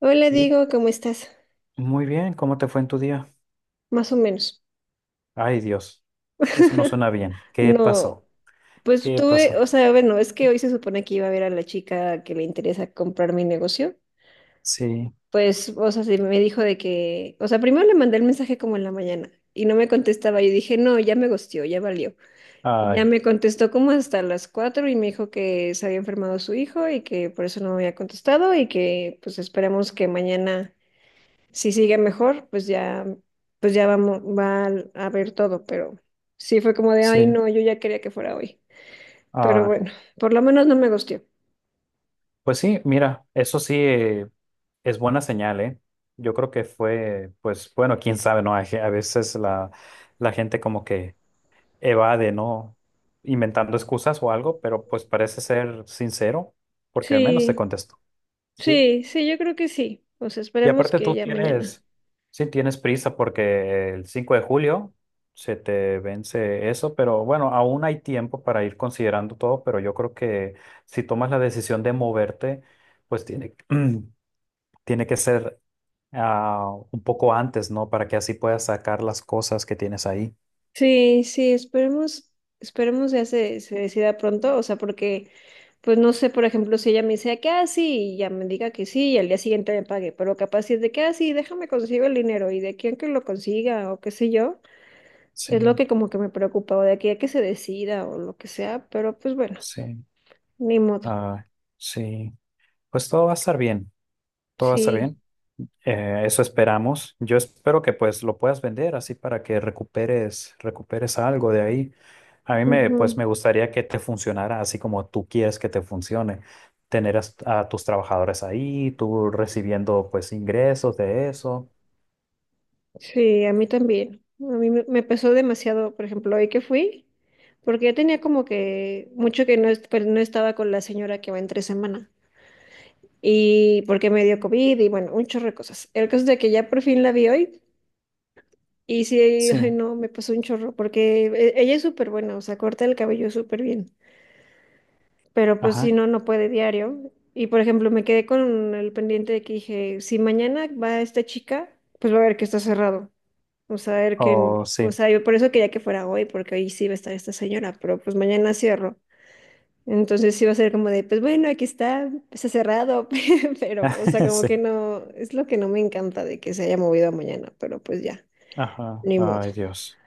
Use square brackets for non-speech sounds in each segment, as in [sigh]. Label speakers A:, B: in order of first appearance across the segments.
A: Hola,
B: Y
A: Diego, ¿cómo estás?
B: muy bien, ¿cómo te fue en tu día?
A: Más o menos.
B: Ay, Dios, eso no suena bien. ¿Qué
A: No,
B: pasó?
A: pues
B: ¿Qué
A: tuve,
B: pasó?
A: o sea, bueno, es que hoy se supone que iba a ver a la chica que le interesa comprar mi negocio.
B: Sí,
A: Pues, o sea, se me dijo de que, o sea, primero le mandé el mensaje como en la mañana y no me contestaba. Yo dije, no, ya me gosteó, ya valió. Ya
B: ay,
A: me contestó como hasta las 4 y me dijo que se había enfermado su hijo y que por eso no me había contestado y que pues esperemos que mañana. Si sigue mejor, pues ya vamos, a ver todo, pero sí fue como de, ay,
B: sí,
A: no, yo ya quería que fuera hoy. Pero
B: ay.
A: bueno, por lo menos no me gustó.
B: Pues sí, mira, eso sí es buena señal, ¿eh? Yo creo que fue, pues bueno, quién sabe, ¿no? A veces la gente como que evade, ¿no? Inventando excusas o algo, pero pues parece ser sincero, porque al menos te
A: Sí,
B: contestó. Sí.
A: sí, sí, yo creo que sí. O sea,
B: Y
A: esperemos
B: aparte
A: que ya mañana.
B: sí tienes prisa porque el 5 de julio se te vence eso, pero bueno, aún hay tiempo para ir considerando todo, pero yo creo que si tomas la decisión de moverte, pues tiene, [clears throat] tiene que ser un poco antes, ¿no? Para que así puedas sacar las cosas que tienes ahí.
A: Sí, sí, esperemos, esperemos ya se decida pronto, o sea, porque, pues no sé, por ejemplo, si ella me dice que ah, sí, y ya me diga que sí, y al día siguiente me pague, pero capaz si es de que ah, sí, déjame consigo el dinero, y de quién que lo consiga, o qué sé yo. Es lo
B: Sí,
A: que como que me preocupaba de aquí a que se decida o lo que sea, pero pues bueno,
B: sí,
A: ni modo.
B: ah, sí. Pues todo va a estar bien, todo va a estar
A: Sí,
B: bien. Eso esperamos. Yo espero que pues lo puedas vender así para que recuperes algo de ahí. Pues
A: ujú.
B: me gustaría que te funcionara así como tú quieres que te funcione. Tus trabajadores ahí, tú recibiendo pues ingresos de eso.
A: Sí, a mí también. A mí me pesó demasiado, por ejemplo, hoy que fui, porque yo tenía como que mucho que no, no estaba con la señora que va entre semana y porque me dio COVID y bueno, un chorro de cosas. El caso es de que ya por fin la vi hoy y sí, ay
B: Sí,
A: no, me pasó un chorro porque ella es súper buena, o sea, corta el cabello súper bien. Pero pues si
B: ajá.
A: no, no puede diario. Y por ejemplo, me quedé con el pendiente de que dije, si mañana va esta chica, pues va a ver que está cerrado. O sea, a ver que,
B: Oh,
A: o
B: sí,
A: sea, yo por eso quería que fuera hoy, porque hoy sí va a estar esta señora, pero pues mañana cierro. Entonces sí va a ser como de, pues bueno, aquí está, está cerrado, [laughs] pero, o sea,
B: [laughs]
A: como
B: sí.
A: que no, es lo que no me encanta de que se haya movido a mañana, pero pues ya,
B: Ajá.
A: ni modo.
B: Ay, Dios.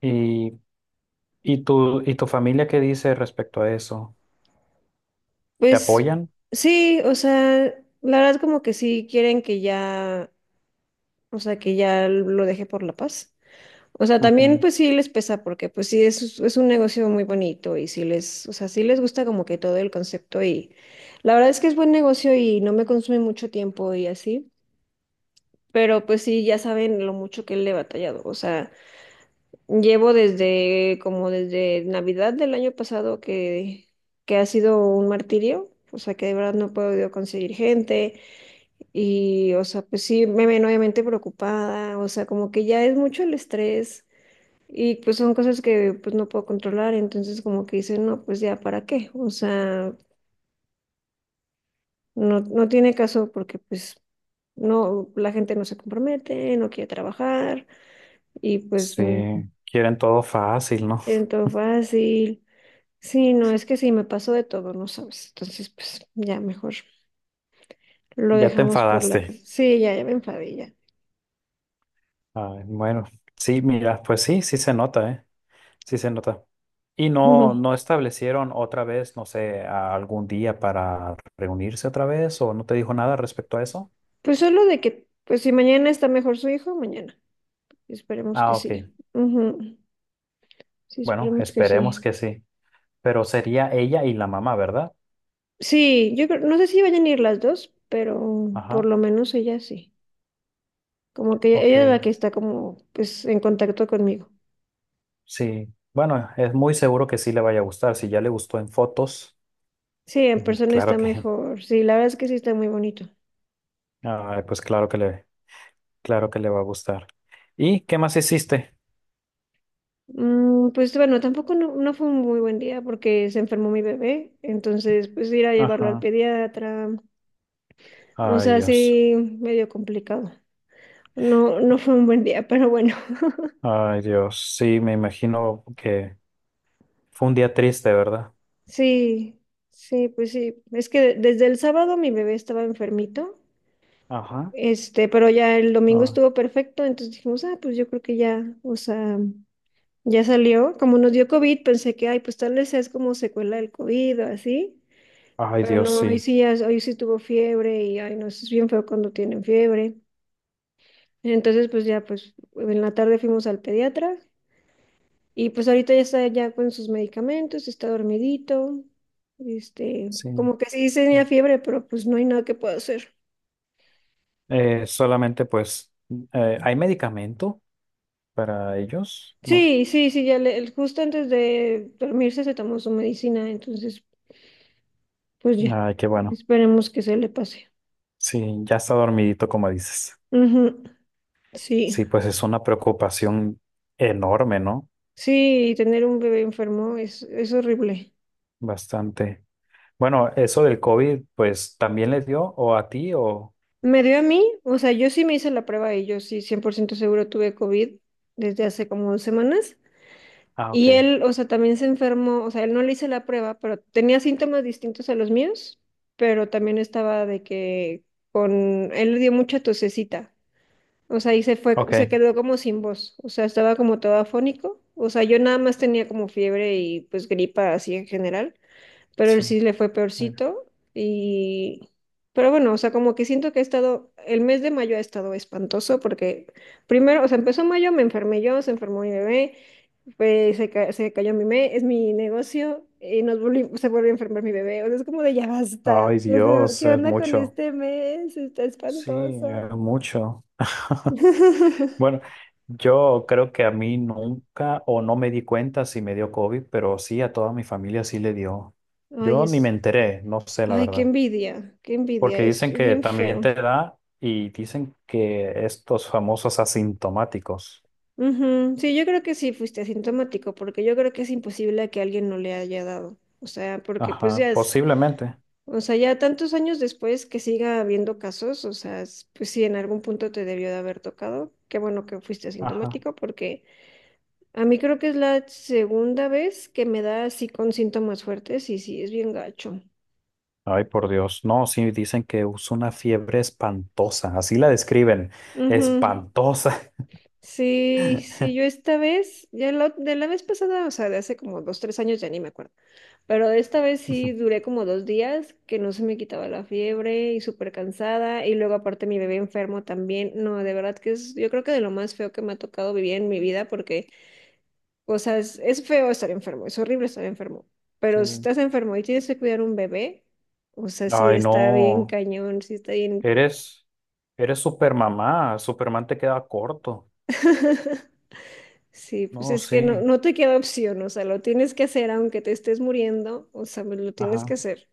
B: ¿Y, ¿y tu familia qué dice respecto a eso? ¿Te
A: Pues
B: apoyan?
A: sí, o sea, la verdad como que sí quieren que ya. O sea, que ya lo dejé por la paz. O sea, también
B: Ujú.
A: pues sí les pesa porque pues sí es un negocio muy bonito y sí les, o sea, sí les gusta como que todo el concepto y la verdad es que es buen negocio y no me consume mucho tiempo y así, pero pues sí ya saben lo mucho que le he batallado. O sea, llevo desde como desde Navidad del año pasado que ha sido un martirio, o sea, que de verdad no he podido conseguir gente. Y, o sea, pues sí, me ven obviamente preocupada, o sea, como que ya es mucho el estrés y pues son cosas que pues no puedo controlar, entonces como que dicen, no, pues ya, ¿para qué? O sea, no, no tiene caso porque pues no, la gente no se compromete, no quiere trabajar y
B: Sí, quieren todo fácil, ¿no?
A: quieren todo fácil. Sí, no, es que sí, me pasó de todo, no sabes, entonces pues ya mejor lo
B: Ya te
A: dejamos por la
B: enfadaste.
A: paz. Sí, ya, ya me enfadé, ya.
B: Ah, bueno, sí, mira, pues sí, sí se nota, ¿eh? Sí se nota. Y no, no
A: [laughs]
B: establecieron otra vez, no sé, algún día para reunirse otra vez o no te dijo nada respecto a eso.
A: Pues solo de que, pues si mañana está mejor su hijo, mañana. Esperemos que
B: Ah,
A: sí.
B: ok.
A: Ujú. Sí,
B: Bueno,
A: esperemos que
B: esperemos
A: sí.
B: que sí. Pero sería ella y la mamá, ¿verdad?
A: Sí, yo creo, no sé si vayan a ir las dos, pero por
B: Ajá,
A: lo menos ella sí. Como que
B: ok.
A: ella es la que está como, pues, en contacto conmigo.
B: Sí. Bueno, es muy seguro que sí le vaya a gustar. Si ya le gustó en fotos,
A: Sí, en
B: mm,
A: persona está
B: [laughs]
A: mejor. Sí, la verdad es que sí está muy bonito.
B: ay, claro que le va a gustar. ¿Y qué más hiciste?
A: Mm, pues bueno, tampoco no, no fue un muy buen día porque se enfermó mi bebé, entonces pues ir a llevarlo al
B: Ajá.
A: pediatra, o
B: Ay,
A: sea,
B: Dios.
A: sí, medio complicado. No, no fue un buen día, pero bueno.
B: Ay, Dios, sí, me imagino que fue un día triste, ¿verdad?
A: Sí, sí, pues sí. Es que desde el sábado mi bebé estaba enfermito,
B: Ajá.
A: pero ya el domingo
B: Ah,
A: estuvo perfecto, entonces dijimos, ah, pues yo creo que ya, o sea, ya salió. Como nos dio COVID, pensé que, ay, pues tal vez es como secuela del COVID o así,
B: ay,
A: pero
B: Dios,
A: no, hoy
B: sí.
A: sí, hoy sí tuvo fiebre y, ay, no, eso es bien feo cuando tienen fiebre. Entonces, pues ya, pues en la tarde fuimos al pediatra. Y pues ahorita ya está ya con sus medicamentos, está dormidito,
B: Sí.
A: como que sí tenía
B: Bueno.
A: fiebre, pero pues no hay nada que pueda hacer.
B: Eh, solamente pues, ¿Hay medicamento para ellos? No. s-
A: Sí, sí, sí, justo antes de dormirse se tomó su medicina, entonces pues ya,
B: Ay, qué bueno.
A: esperemos que se le pase.
B: Sí, ya está dormidito, como dices.
A: Ujú. Sí,
B: Sí, pues es una preocupación enorme, ¿no?
A: sí, tener un bebé enfermo es horrible.
B: Bastante. Bueno, eso del COVID, pues, ¿también les dio? ¿O a ti? O...
A: Me dio a mí, o sea, yo sí me hice la prueba y yo sí 100% seguro tuve COVID desde hace como 2 semanas.
B: Ah,
A: Y
B: ok.
A: él, o sea, también se enfermó, o sea, él no le hice la prueba, pero tenía síntomas distintos a los míos, pero también estaba de que con, él le dio mucha tosecita, o sea, y se fue,
B: Ok,
A: se quedó como sin voz, o sea, estaba como todo afónico, o sea, yo nada más tenía como fiebre y pues gripa así en general, pero él
B: sí.
A: sí le fue
B: Bueno.
A: peorcito y, pero bueno, o sea, como que siento que ha estado, el mes de mayo ha estado espantoso porque primero, o sea, empezó mayo, me enfermé yo, se enfermó mi bebé, pues se cayó es mi negocio y se volvió a enfermar mi bebé. O sea, es como de ya basta.
B: Ay,
A: ¿Qué,
B: Dios,
A: qué
B: es
A: onda con
B: mucho.
A: este mes? Está
B: Sí,
A: espantoso.
B: mucho. [laughs]
A: [laughs]
B: Bueno, yo creo que a mí nunca o no me di cuenta si me dio COVID, pero sí a toda mi familia sí le dio.
A: Ay,
B: Yo ni
A: es,
B: me enteré, no sé la
A: ay,
B: verdad,
A: qué envidia,
B: porque
A: es
B: dicen que
A: bien
B: también
A: feo.
B: te da y dicen que estos famosos asintomáticos.
A: Ujú. Sí, yo creo que sí fuiste asintomático, porque yo creo que es imposible que alguien no le haya dado. O sea, porque pues
B: Ajá,
A: ya es,
B: posiblemente.
A: o sea, ya tantos años después que siga habiendo casos, o sea, pues sí, en algún punto te debió de haber tocado. Qué bueno que fuiste
B: Ajá.
A: asintomático, porque a mí creo que es la segunda vez que me da así con síntomas fuertes y sí, es bien gacho.
B: Ay, por Dios. No, sí dicen que usa una fiebre espantosa, así la describen,
A: Ujú.
B: espantosa.
A: Sí, sí, yo
B: [laughs]
A: esta vez, de la vez pasada, o sea, de hace como dos, tres años ya ni me acuerdo, pero de esta vez sí duré como 2 días que no se me quitaba la fiebre y súper cansada y luego aparte mi bebé enfermo también, no, de verdad que es, yo creo que de lo más feo que me ha tocado vivir en mi vida porque o sea, es feo estar enfermo, es horrible estar enfermo,
B: Sí.
A: pero si estás enfermo y tienes que cuidar un bebé, o sea, sí
B: Ay,
A: está bien
B: no.
A: cañón, sí está bien.
B: Eres, eres Supermamá, Superman te queda corto.
A: [laughs] Sí, pues
B: No,
A: es que
B: sí,
A: no, no te queda opción, o sea, lo tienes que hacer aunque te estés muriendo, o sea, pues lo tienes que
B: ajá.
A: hacer.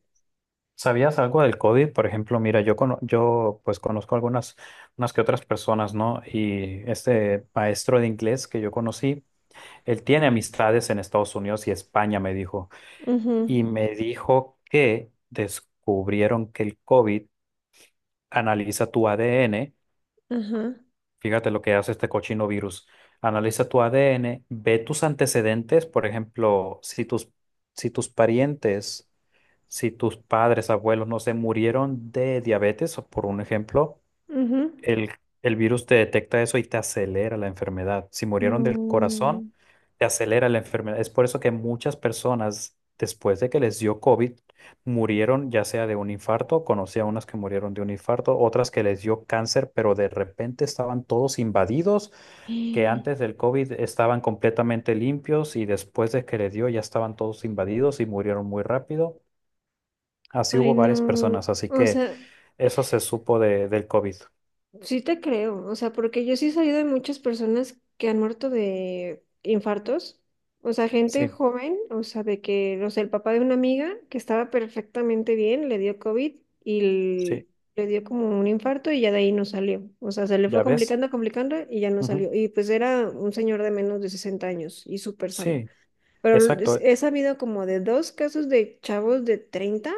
B: ¿Sabías algo del código? Por ejemplo, mira, yo pues conozco algunas unas que otras personas, ¿no? Y este maestro de inglés que yo conocí, él tiene amistades en Estados Unidos y España, me dijo,
A: Ujú,
B: y me dijo que descubrieron que el COVID analiza tu ADN.
A: ajá,
B: Fíjate lo que hace este cochino virus. Analiza tu ADN, ve tus antecedentes, por ejemplo, si tus parientes, si tus padres, abuelos, no se murieron de diabetes, por un ejemplo,
A: ujú.
B: el, el virus te detecta eso y te acelera la enfermedad. Si murieron del corazón,
A: No.
B: te acelera la enfermedad. Es por eso que muchas personas, después de que les dio COVID, murieron ya sea de un infarto, conocí a unas que murieron de un infarto, otras que les dio cáncer, pero de repente estaban todos invadidos, que antes
A: [gasps]
B: del COVID estaban completamente limpios y después de que les dio ya estaban todos invadidos y murieron muy rápido. Así
A: Ay,
B: hubo varias
A: no.
B: personas, así
A: O
B: que
A: sea,
B: eso se supo de, del COVID.
A: sí te creo, o sea, porque yo sí he sabido de muchas personas que han muerto de infartos, o sea, gente
B: Sí,
A: joven, o sea, de que, no sé, el papá de una amiga que estaba perfectamente bien, le dio COVID y
B: sí.
A: le dio como un infarto y ya de ahí no salió, o sea, se le fue
B: ¿Ya ves?
A: complicando, complicando y ya no
B: Ujú.
A: salió, y pues era un señor de menos de 60 años y súper sano.
B: Sí,
A: Pero
B: exacto,
A: he sabido como de dos casos de chavos de 30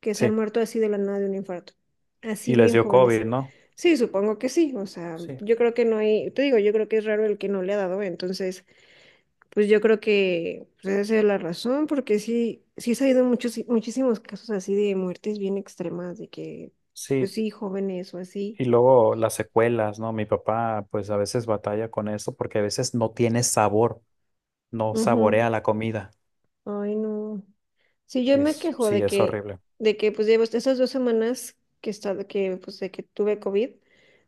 A: que se han
B: sí.
A: muerto así de la nada de un infarto. Así
B: Y les
A: bien
B: dio
A: jóvenes.
B: COVID, ¿no?
A: Sí, supongo que sí. O sea,
B: Sí,
A: yo creo que no hay, te digo, yo creo que es raro el que no le ha dado. Entonces, pues yo creo que pues, esa es la razón, porque sí, sí he sabido muchos, muchísimos casos así de muertes bien extremas, de que, pues
B: sí.
A: sí, jóvenes o así.
B: Y luego las secuelas, ¿no? Mi papá pues a veces batalla con eso porque a veces no tiene sabor, no
A: Ujú.
B: saborea la comida.
A: Ay, no. Sí, yo me
B: Es,
A: quejo
B: sí, es horrible.
A: de que pues llevo esas 2 semanas que he estado, que pues de que tuve COVID,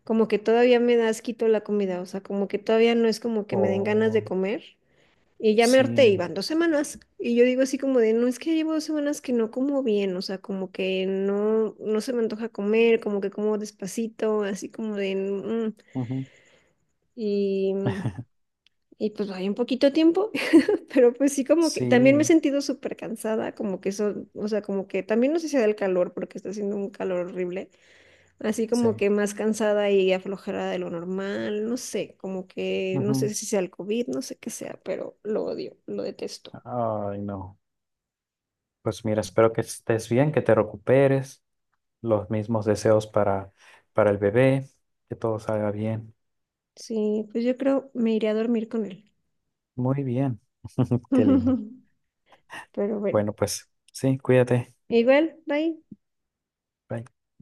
A: como que todavía me da asquito la comida, o sea, como que todavía no es como que me den ganas de
B: Oh,
A: comer. Y ya me harté, y
B: sí,
A: van 2 semanas. Y yo digo así como de, no es que llevo 2 semanas que no como bien, o sea, como que no, no se me antoja comer, como que como despacito, así como de,
B: ujú,
A: y, y pues hay un poquito tiempo. Pero pues sí, como que también me he
B: sí,
A: sentido súper cansada, como que eso, o sea, como que también no sé si sea del calor, porque está haciendo un calor horrible, así como
B: sí.
A: que más cansada y aflojada de lo normal, no sé, como que no
B: Ujú.
A: sé si sea el COVID, no sé qué sea, pero lo odio, lo detesto.
B: Ay, no. Pues mira, espero que estés bien, que te recuperes. Los mismos deseos para el bebé, que todo salga bien.
A: Sí, pues yo creo me iré a dormir con él.
B: Muy bien. [laughs] Qué lindo.
A: [laughs] Pero bueno,
B: Bueno, pues sí, cuídate.
A: igual, bye.
B: Bye.